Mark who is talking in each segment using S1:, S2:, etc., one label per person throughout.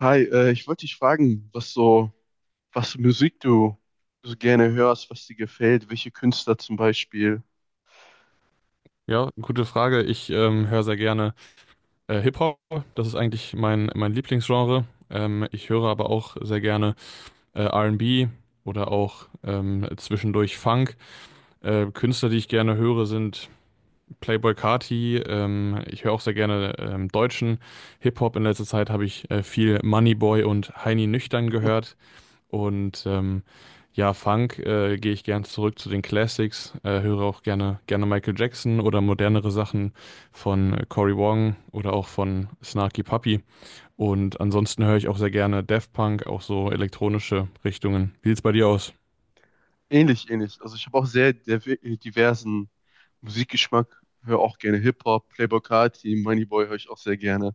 S1: Hi, ich wollte dich fragen, was so, was für Musik du so gerne hörst, was dir gefällt, welche Künstler zum Beispiel.
S2: Ja, gute Frage. Ich höre sehr gerne Hip-Hop. Das ist eigentlich mein Lieblingsgenre. Ich höre aber auch sehr gerne R&B oder auch zwischendurch Funk. Künstler, die ich gerne höre, sind Playboi Carti. Ich höre auch sehr gerne deutschen Hip-Hop. In letzter Zeit habe ich viel Moneyboy und Heini Nüchtern
S1: Hm.
S2: gehört. Und ähm, Ja, Funk, gehe ich gern zurück zu den Classics, höre auch gerne Michael Jackson oder modernere Sachen von Cory Wong oder auch von Snarky Puppy. Und ansonsten höre ich auch sehr gerne Daft Punk, auch so elektronische Richtungen. Wie sieht's bei dir aus?
S1: Ähnlich, ähnlich. Also ich habe auch sehr diversen Musikgeschmack, höre auch gerne Hip-Hop, Playboi Carti, Moneyboy höre ich auch sehr gerne.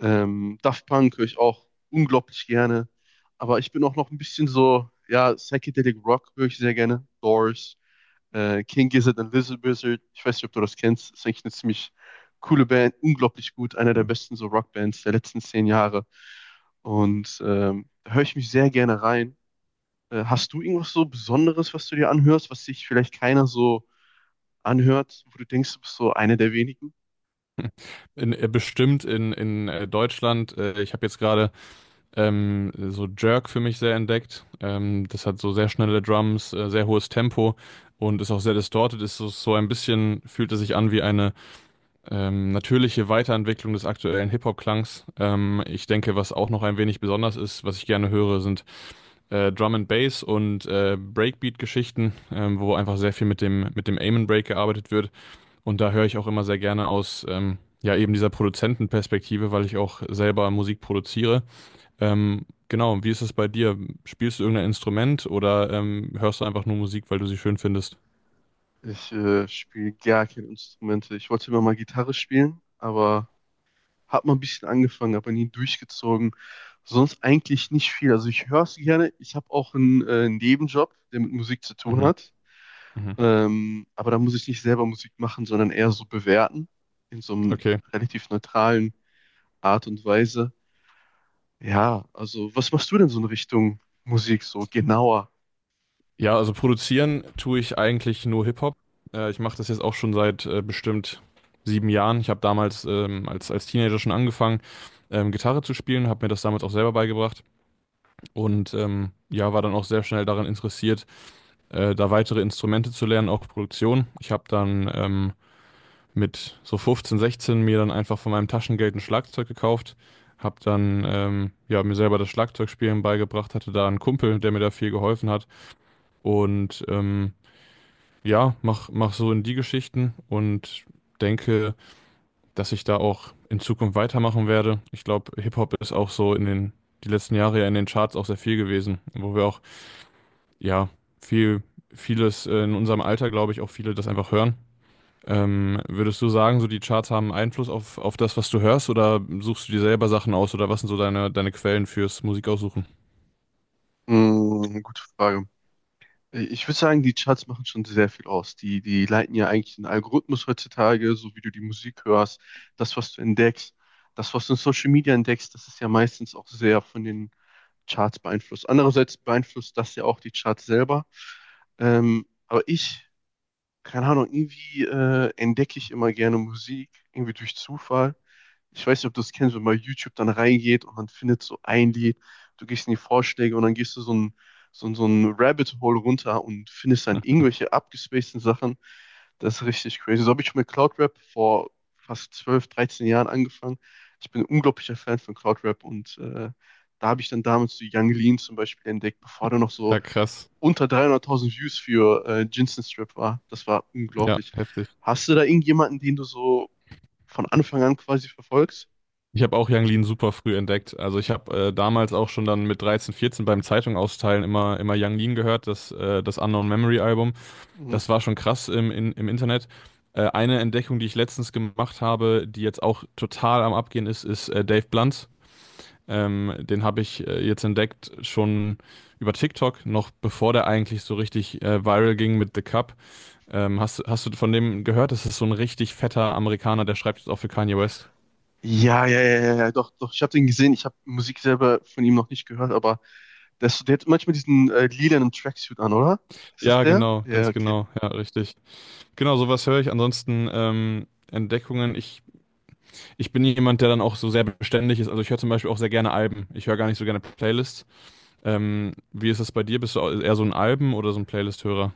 S1: Daft Punk höre ich auch unglaublich gerne. Aber ich bin auch noch ein bisschen so, ja, Psychedelic Rock höre ich sehr gerne, Doors. King Gizzard and Lizard Wizard. Ich weiß nicht, ob du das kennst. Das ist eigentlich eine ziemlich coole Band, unglaublich gut, einer der besten so Rockbands der letzten 10 Jahre. Und da höre ich mich sehr gerne rein. Hast du irgendwas so Besonderes, was du dir anhörst, was sich vielleicht keiner so anhört, wo du denkst, du bist so einer der wenigen?
S2: Bestimmt in Deutschland. Ich habe jetzt gerade so Jerk für mich sehr entdeckt. Das hat so sehr schnelle Drums, sehr hohes Tempo und ist auch sehr distorted. Ist so ein bisschen, fühlt es sich an wie eine natürliche Weiterentwicklung des aktuellen Hip-Hop-Klangs. Ich denke, was auch noch ein wenig besonders ist, was ich gerne höre, sind Drum and Bass und Breakbeat-Geschichten, wo einfach sehr viel mit dem Aim and Break gearbeitet wird. Und da höre ich auch immer sehr gerne aus, ja, eben dieser Produzentenperspektive, weil ich auch selber Musik produziere. Genau, wie ist es bei dir? Spielst du irgendein Instrument oder hörst du einfach nur Musik, weil du sie schön findest?
S1: Ich spiele gar keine Instrumente. Ich wollte immer mal Gitarre spielen, aber hab mal ein bisschen angefangen, aber nie durchgezogen. Sonst eigentlich nicht viel. Also ich höre es gerne. Ich habe auch einen Nebenjob, der mit Musik zu tun
S2: Mhm.
S1: hat.
S2: Mhm.
S1: Aber da muss ich nicht selber Musik machen, sondern eher so bewerten. In so einem
S2: Okay.
S1: relativ neutralen Art und Weise. Ja, also was machst du denn so in Richtung Musik so genauer?
S2: Ja, also produzieren tue ich eigentlich nur Hip-Hop. Ich mache das jetzt auch schon seit bestimmt 7 Jahren. Ich habe damals als Teenager schon angefangen, Gitarre zu spielen, habe mir das damals auch selber beigebracht und ja, war dann auch sehr schnell daran interessiert, da weitere Instrumente zu lernen, auch Produktion. Ich habe dann mit so 15, 16 mir dann einfach von meinem Taschengeld ein Schlagzeug gekauft, habe dann ja, mir selber das Schlagzeugspielen beigebracht, hatte da einen Kumpel, der mir da viel geholfen hat, und ja, mach so in die Geschichten und denke, dass ich da auch in Zukunft weitermachen werde. Ich glaube, Hip-Hop ist auch so die letzten Jahre ja in den Charts auch sehr viel gewesen, wo wir auch, ja, viel, vieles in unserem Alter, glaube ich, auch viele das einfach hören. Würdest du sagen, so die Charts haben Einfluss auf das, was du hörst, oder suchst du dir selber Sachen aus, oder was sind so deine Quellen fürs Musikaussuchen?
S1: Hm, gute Frage. Ich würde sagen, die Charts machen schon sehr viel aus. Die leiten ja eigentlich den Algorithmus heutzutage, so wie du die Musik hörst, das, was du entdeckst, das, was du in Social Media entdeckst, das ist ja meistens auch sehr von den Charts beeinflusst. Andererseits beeinflusst das ja auch die Charts selber. Aber ich keine Ahnung, irgendwie entdecke ich immer gerne Musik, irgendwie durch Zufall. Ich weiß nicht, ob du das kennst, wenn man bei YouTube dann reingeht und man findet so ein Lied, du gehst in die Vorschläge und dann gehst du so ein Rabbit Hole runter und findest dann irgendwelche abgespaceden Sachen. Das ist richtig crazy. So habe ich mit Cloud Rap vor fast 12, 13 Jahren angefangen. Ich bin ein unglaublicher Fan von Cloud Rap und da habe ich dann damals so Young Lean zum Beispiel entdeckt, bevor der noch so
S2: Ja, krass.
S1: unter 300.000 Views für Jinsen Strip war. Das war
S2: Ja,
S1: unglaublich.
S2: heftig.
S1: Hast du da irgendjemanden, den du so von Anfang an quasi verfolgst?
S2: Ich habe auch Yang Lean super früh entdeckt. Also ich habe damals auch schon dann mit 13, 14 beim Zeitung austeilen immer Yang Lean gehört, das Unknown Memory Album.
S1: Mhm.
S2: Das war schon krass im Internet. Eine Entdeckung, die ich letztens gemacht habe, die jetzt auch total am Abgehen ist, ist Dave Blunt. Den habe ich jetzt entdeckt schon über TikTok, noch bevor der eigentlich so richtig viral ging mit The Cup. Hast du von dem gehört? Das ist so ein richtig fetter Amerikaner, der schreibt jetzt auch für Kanye West.
S1: Ja, ja, ja, ja, ja, doch, doch. Ich habe den gesehen. Ich habe Musik selber von ihm noch nicht gehört, aber der hat manchmal diesen lilanen Tracksuit an, oder? Ist das
S2: Ja,
S1: der?
S2: genau,
S1: Ja,
S2: ganz
S1: okay.
S2: genau. Ja, richtig. Genau, sowas höre ich. Ansonsten Entdeckungen. Ich bin jemand, der dann auch so sehr beständig ist. Also ich höre zum Beispiel auch sehr gerne Alben. Ich höre gar nicht so gerne Playlists. Wie ist das bei dir? Bist du eher so ein Alben- oder so ein Playlist-Hörer?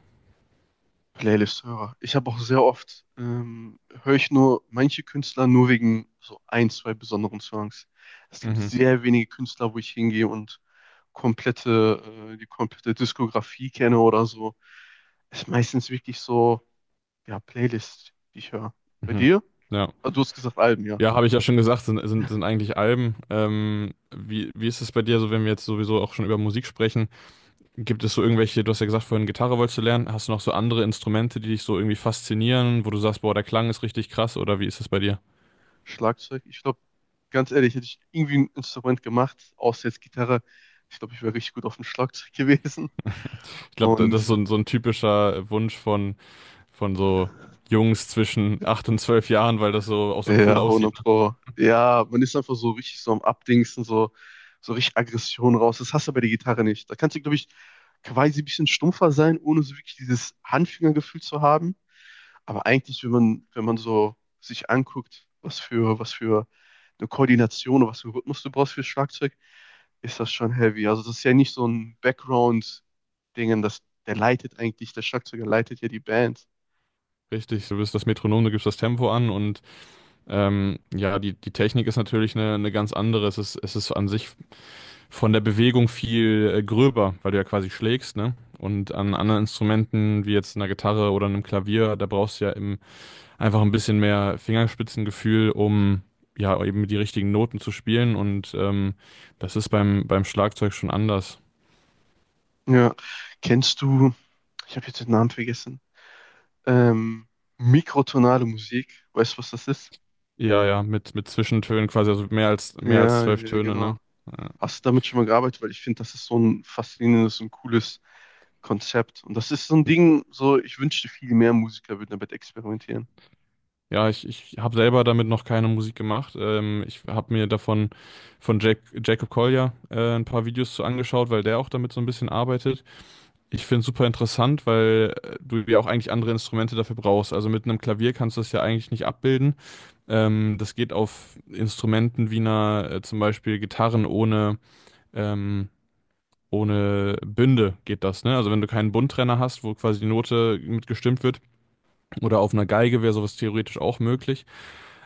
S1: Playlist-Hörer. Ich habe auch sehr oft, höre ich nur manche Künstler nur wegen so ein, zwei besonderen Songs. Es gibt
S2: Mhm.
S1: sehr wenige Künstler, wo ich hingehe und komplette, die komplette Diskografie kenne oder so. Ist meistens wirklich so, ja, Playlist, die ich höre. Bei
S2: Mhm.
S1: dir?
S2: Ja.
S1: Ah, du hast gesagt Alben, ja.
S2: Ja, habe ich ja schon gesagt, sind eigentlich Alben. Wie ist es bei dir so, wenn wir jetzt sowieso auch schon über Musik sprechen? Gibt es so irgendwelche, du hast ja gesagt, vorhin Gitarre wolltest du lernen. Hast du noch so andere Instrumente, die dich so irgendwie faszinieren, wo du sagst, boah, der Klang ist richtig krass, oder wie ist es bei dir?
S1: Schlagzeug. Ich glaube, ganz ehrlich, hätte ich irgendwie ein Instrument gemacht, außer jetzt Gitarre. Ich glaube, ich wäre richtig gut auf dem Schlagzeug gewesen.
S2: Ich glaube, das ist so
S1: Mhm.
S2: ein, so ein typischer Wunsch von so Jungs zwischen 8 und 12 Jahren, weil das so auch so cool
S1: Ja,
S2: aussieht,
S1: 100
S2: ne?
S1: Pro. Ja, man ist einfach so richtig so am Abdingsen, so, so richtig Aggression raus. Das hast du bei der Gitarre nicht. Da kannst du, glaube ich, quasi ein bisschen stumpfer sein, ohne so wirklich dieses Handfingergefühl zu haben. Aber eigentlich, wenn man so sich anguckt, was für eine Koordination oder was für einen Rhythmus du brauchst fürs Schlagzeug, ist das schon heavy. Also das ist ja nicht so ein Background-Dingen, das, der leitet eigentlich, der Schlagzeuger leitet ja die Band.
S2: Richtig, du bist das Metronom, du gibst das Tempo an, und ja, die Technik ist natürlich eine ganz andere. Es ist an sich von der Bewegung viel gröber, weil du ja quasi schlägst, ne? Und an anderen Instrumenten, wie jetzt einer Gitarre oder einem Klavier, da brauchst du ja einfach ein bisschen mehr Fingerspitzengefühl, um ja eben die richtigen Noten zu spielen, und das ist beim Schlagzeug schon anders.
S1: Ja, kennst du, ich habe jetzt den Namen vergessen, ähm, mikrotonale Musik, weißt du, was das ist?
S2: Ja, ja, mit Zwischentönen quasi, also mehr als
S1: Ja,
S2: zwölf
S1: ja,
S2: Töne, ne?
S1: genau.
S2: Ja,
S1: Hast du damit schon mal gearbeitet? Weil ich finde, das ist so ein faszinierendes und cooles Konzept. Und das ist so ein Ding, so ich wünschte, viel mehr Musiker würden damit experimentieren.
S2: ja, ich habe selber damit noch keine Musik gemacht. Ich habe mir davon von Jacob Collier ein paar Videos zu angeschaut, weil der auch damit so ein bisschen arbeitet. Ich finde es super interessant, weil du ja auch eigentlich andere Instrumente dafür brauchst. Also mit einem Klavier kannst du das ja eigentlich nicht abbilden. Das geht auf Instrumenten wie zum Beispiel Gitarren ähm, ohne Bünde geht das, ne? Also wenn du keinen Bundtrenner hast, wo quasi die Note mitgestimmt wird, oder auf einer Geige wäre sowas theoretisch auch möglich.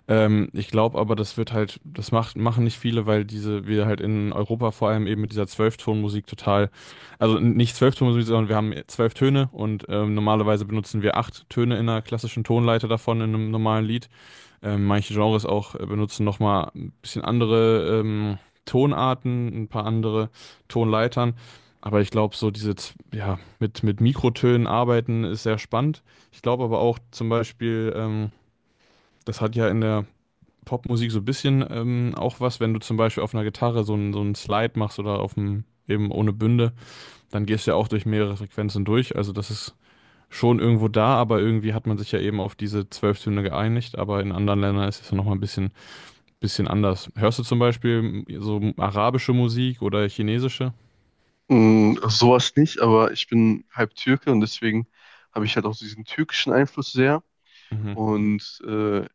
S2: Ich glaube aber, das wird halt, das machen nicht viele, weil diese, wir halt in Europa vor allem eben mit dieser Zwölftonmusik total, also nicht Zwölftonmusik, sondern wir haben 12 Töne, und normalerweise benutzen wir acht Töne in einer klassischen Tonleiter davon in einem normalen Lied. Manche Genres auch benutzen nochmal ein bisschen andere Tonarten, ein paar andere Tonleitern. Aber ich glaube, so ja, mit Mikrotönen arbeiten ist sehr spannend. Ich glaube aber auch zum Beispiel, das hat ja in der Popmusik so ein bisschen auch was, wenn du zum Beispiel auf einer Gitarre so einen Slide machst oder auf dem, eben ohne Bünde, dann gehst du ja auch durch mehrere Frequenzen durch. Also das ist schon irgendwo da, aber irgendwie hat man sich ja eben auf diese 12 Töne geeinigt, aber in anderen Ländern ist es ja nochmal ein bisschen anders. Hörst du zum Beispiel so arabische Musik oder chinesische?
S1: Sowas nicht, aber ich bin halb Türke und deswegen habe ich halt auch diesen türkischen Einfluss sehr.
S2: Mhm.
S1: Und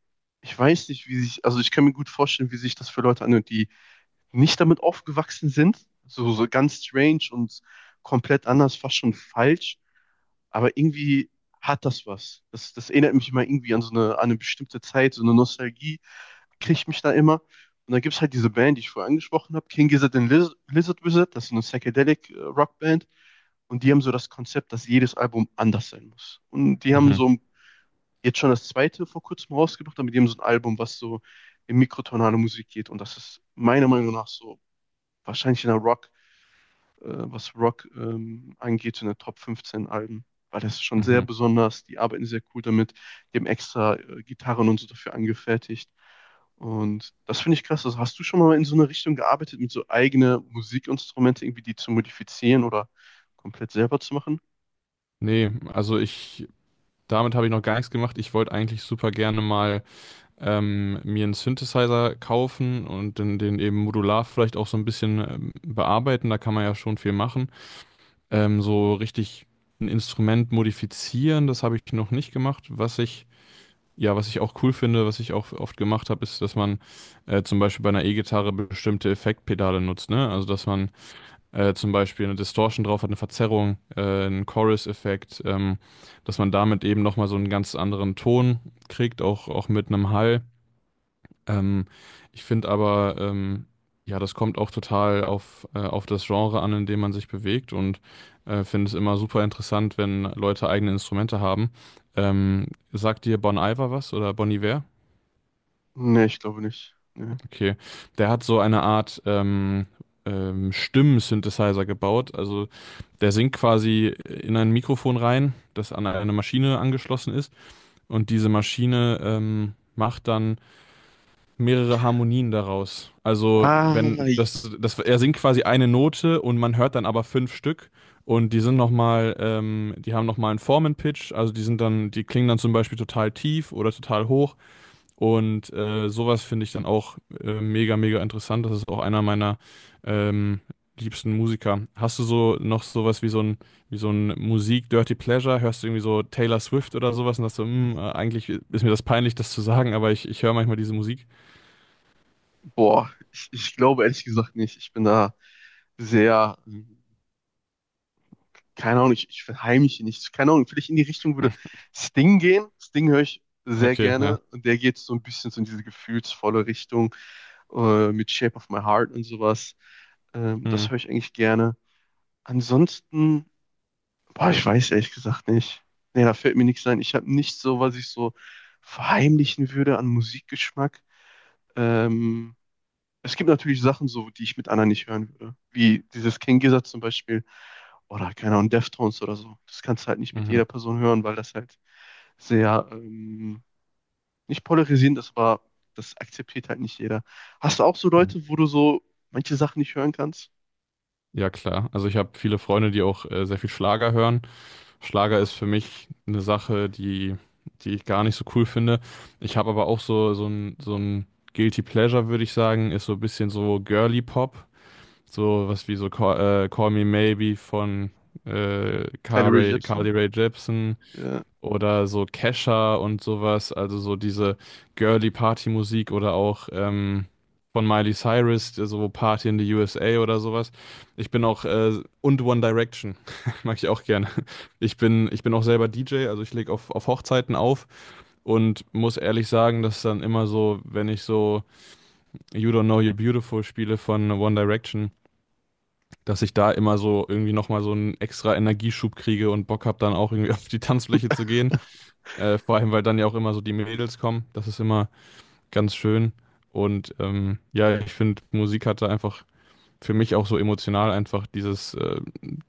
S1: ich weiß nicht, wie sich, also ich kann mir gut vorstellen, wie sich das für Leute anhört, die nicht damit aufgewachsen sind. So, so ganz strange und komplett anders, fast schon falsch. Aber irgendwie hat das was. Das erinnert mich immer irgendwie an so eine, an eine bestimmte Zeit, so eine Nostalgie kriegt mich da immer. Und dann gibt es halt diese Band, die ich vorher angesprochen habe, King Gizzard and Lizard Wizard, das ist so eine Psychedelic Rockband. Und die haben so das Konzept, dass jedes Album anders sein muss. Und die haben
S2: Mhm.
S1: so jetzt schon das zweite vor kurzem rausgebracht, aber die haben so ein Album, was so in mikrotonale Musik geht. Und das ist meiner Meinung nach so wahrscheinlich in der Rock was Rock angeht, in der Top 15 Alben, weil das ist schon sehr
S2: Mhm.
S1: besonders. Die arbeiten sehr cool damit, die haben extra Gitarren und so dafür angefertigt. Und das finde ich krass. Also hast du schon mal in so eine Richtung gearbeitet, mit so eigene Musikinstrumente irgendwie die zu modifizieren oder komplett selber zu machen?
S2: Nee, also damit habe ich noch gar nichts gemacht. Ich wollte eigentlich super gerne mal mir einen Synthesizer kaufen und den eben modular vielleicht auch so ein bisschen bearbeiten. Da kann man ja schon viel machen. So richtig ein Instrument modifizieren, das habe ich noch nicht gemacht. Was ich Ja, was ich auch cool finde, was ich auch oft gemacht habe, ist, dass man zum Beispiel bei einer E-Gitarre bestimmte Effektpedale nutzt, ne? Also, dass man zum Beispiel eine Distortion drauf hat, eine Verzerrung, einen Chorus-Effekt, dass man damit eben nochmal so einen ganz anderen Ton kriegt, auch mit einem Hall. Ähm, Ich finde aber, ja, das kommt auch total auf das Genre an, in dem man sich bewegt, und finde es immer super interessant, wenn Leute eigene Instrumente haben. Sagt dir Bon Iver was oder Bon Iver?
S1: Nee, ich glaube nicht. Nee.
S2: Okay. Der hat so eine Art Stimmen-Synthesizer gebaut. Also der singt quasi in ein Mikrofon rein, das an eine Maschine angeschlossen ist. Und diese Maschine macht dann mehrere Harmonien daraus. Also
S1: Ah,
S2: wenn das, das, er singt quasi eine Note und man hört dann aber fünf Stück. Die haben nochmal einen Formen-Pitch, also die klingen dann zum Beispiel total tief oder total hoch. Und sowas finde ich dann auch mega interessant. Das ist auch einer meiner ähm, liebsten Musiker. Hast du so noch sowas wie so ein Musik-Dirty Pleasure? Hörst du irgendwie so Taylor Swift oder sowas und hast so: "Hm, eigentlich ist mir das peinlich, das zu sagen, aber ich höre manchmal diese Musik."
S1: boah, ich glaube ehrlich gesagt nicht. Ich bin da sehr keine Ahnung, ich verheimliche nichts. Keine Ahnung, vielleicht in die Richtung würde Sting gehen. Sting höre ich sehr
S2: Okay,
S1: gerne
S2: ja.
S1: und der geht so ein bisschen so in diese gefühlsvolle Richtung mit Shape of My Heart und sowas. Das
S2: Hm,
S1: höre ich eigentlich gerne. Ansonsten, boah, ich weiß ehrlich gesagt nicht. Nee, da fällt mir nichts ein. Ich habe nicht so, was ich so verheimlichen würde an Musikgeschmack. Ähm, es gibt natürlich Sachen so, die ich mit anderen nicht hören würde. Wie dieses King Gizzard zum Beispiel oder keine Ahnung, Deftones oder so. Das kannst du halt nicht mit
S2: mhm.
S1: jeder Person hören, weil das halt sehr, nicht polarisierend ist, aber das akzeptiert halt nicht jeder. Hast du auch so Leute, wo du so manche Sachen nicht hören kannst?
S2: Ja, klar. Also ich habe viele Freunde, die auch sehr viel Schlager hören. Schlager ist für mich eine Sache, die ich gar nicht so cool finde. Ich habe aber auch so ein Guilty Pleasure, würde ich sagen, ist so ein bisschen so Girly Pop. So was wie so Call Me Maybe von
S1: Kylie Rae Jepsen?
S2: Carly Rae Jepsen
S1: Ja.
S2: oder so Kesha und sowas, also so diese girly Party-Musik oder auch von Miley Cyrus, so Party in the USA oder sowas. Und One Direction, mag ich auch gerne. Ich bin auch selber DJ, also ich lege auf Hochzeiten auf und muss ehrlich sagen, dass dann immer so, wenn ich so You Don't Know You're Beautiful spiele von One Direction, dass ich da immer so irgendwie nochmal so einen extra Energieschub kriege und Bock habe, dann auch irgendwie auf die Tanzfläche zu gehen. Vor allem, weil dann ja auch immer so die Mädels kommen. Das ist immer ganz schön. Und ja, ich finde, Musik hatte einfach für mich auch so emotional einfach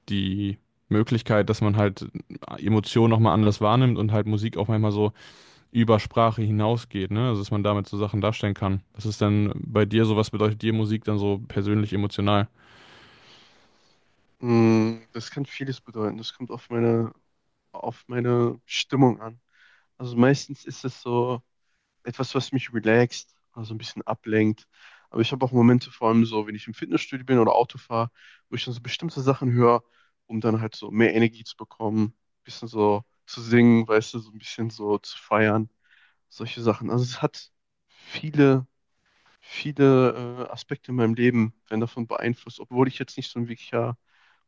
S2: die Möglichkeit, dass man halt Emotionen nochmal anders wahrnimmt und halt Musik auch manchmal so über Sprache hinausgeht, ne? Also, dass man damit so Sachen darstellen kann. Was ist denn bei dir so, was bedeutet dir Musik dann so persönlich emotional?
S1: Das kann vieles bedeuten. Das kommt auf meine Stimmung an. Also meistens ist es so, etwas, was mich relaxt, also ein bisschen ablenkt. Aber ich habe auch Momente, vor allem so, wenn ich im Fitnessstudio bin oder Auto fahre, wo ich dann so bestimmte Sachen höre, um dann halt so mehr Energie zu bekommen, bisschen so zu singen, weißt du, so ein bisschen so zu feiern, solche Sachen. Also es hat viele, viele Aspekte in meinem Leben, werden davon beeinflusst, obwohl ich jetzt nicht so ein wirklicher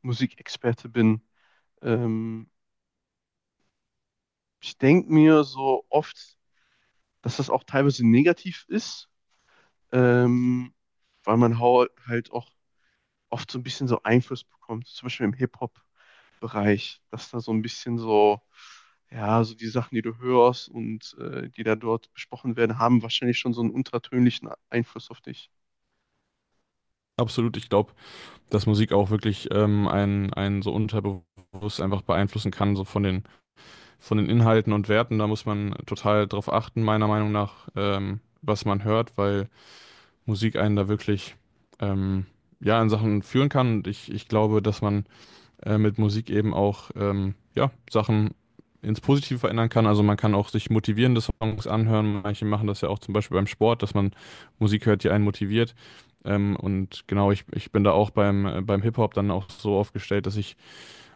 S1: Musikexperte bin. Ähm, ich denke mir so oft, dass das auch teilweise negativ ist, ähm, weil man halt auch oft so ein bisschen so Einfluss bekommt, zum Beispiel im Hip-Hop-Bereich, dass da so ein bisschen so, ja, so die Sachen, die du hörst und die da dort besprochen werden, haben wahrscheinlich schon so einen untertönlichen Einfluss auf dich.
S2: Absolut, ich glaube, dass Musik auch wirklich einen so unterbewusst einfach beeinflussen kann, so von den Inhalten und Werten. Da muss man total drauf achten, meiner Meinung nach, was man hört, weil Musik einen da wirklich ähm, ja, in Sachen führen kann. Und ich glaube, dass man mit Musik eben auch ja, Sachen ins Positive verändern kann. Also man kann auch sich motivierende Songs anhören. Manche machen das ja auch zum Beispiel beim Sport, dass man Musik hört, die einen motiviert. Und genau, ich bin da auch beim Hip-Hop dann auch so aufgestellt, dass ich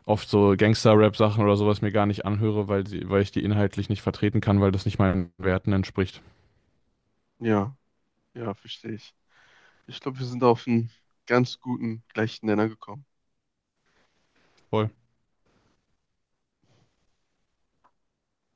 S2: oft so Gangster-Rap-Sachen oder sowas mir gar nicht anhöre, weil ich die inhaltlich nicht vertreten kann, weil das nicht meinen Werten entspricht.
S1: Ja, ja, verstehe ich. Ich glaube, wir sind auf einen ganz guten gleichen Nenner gekommen.
S2: Voll.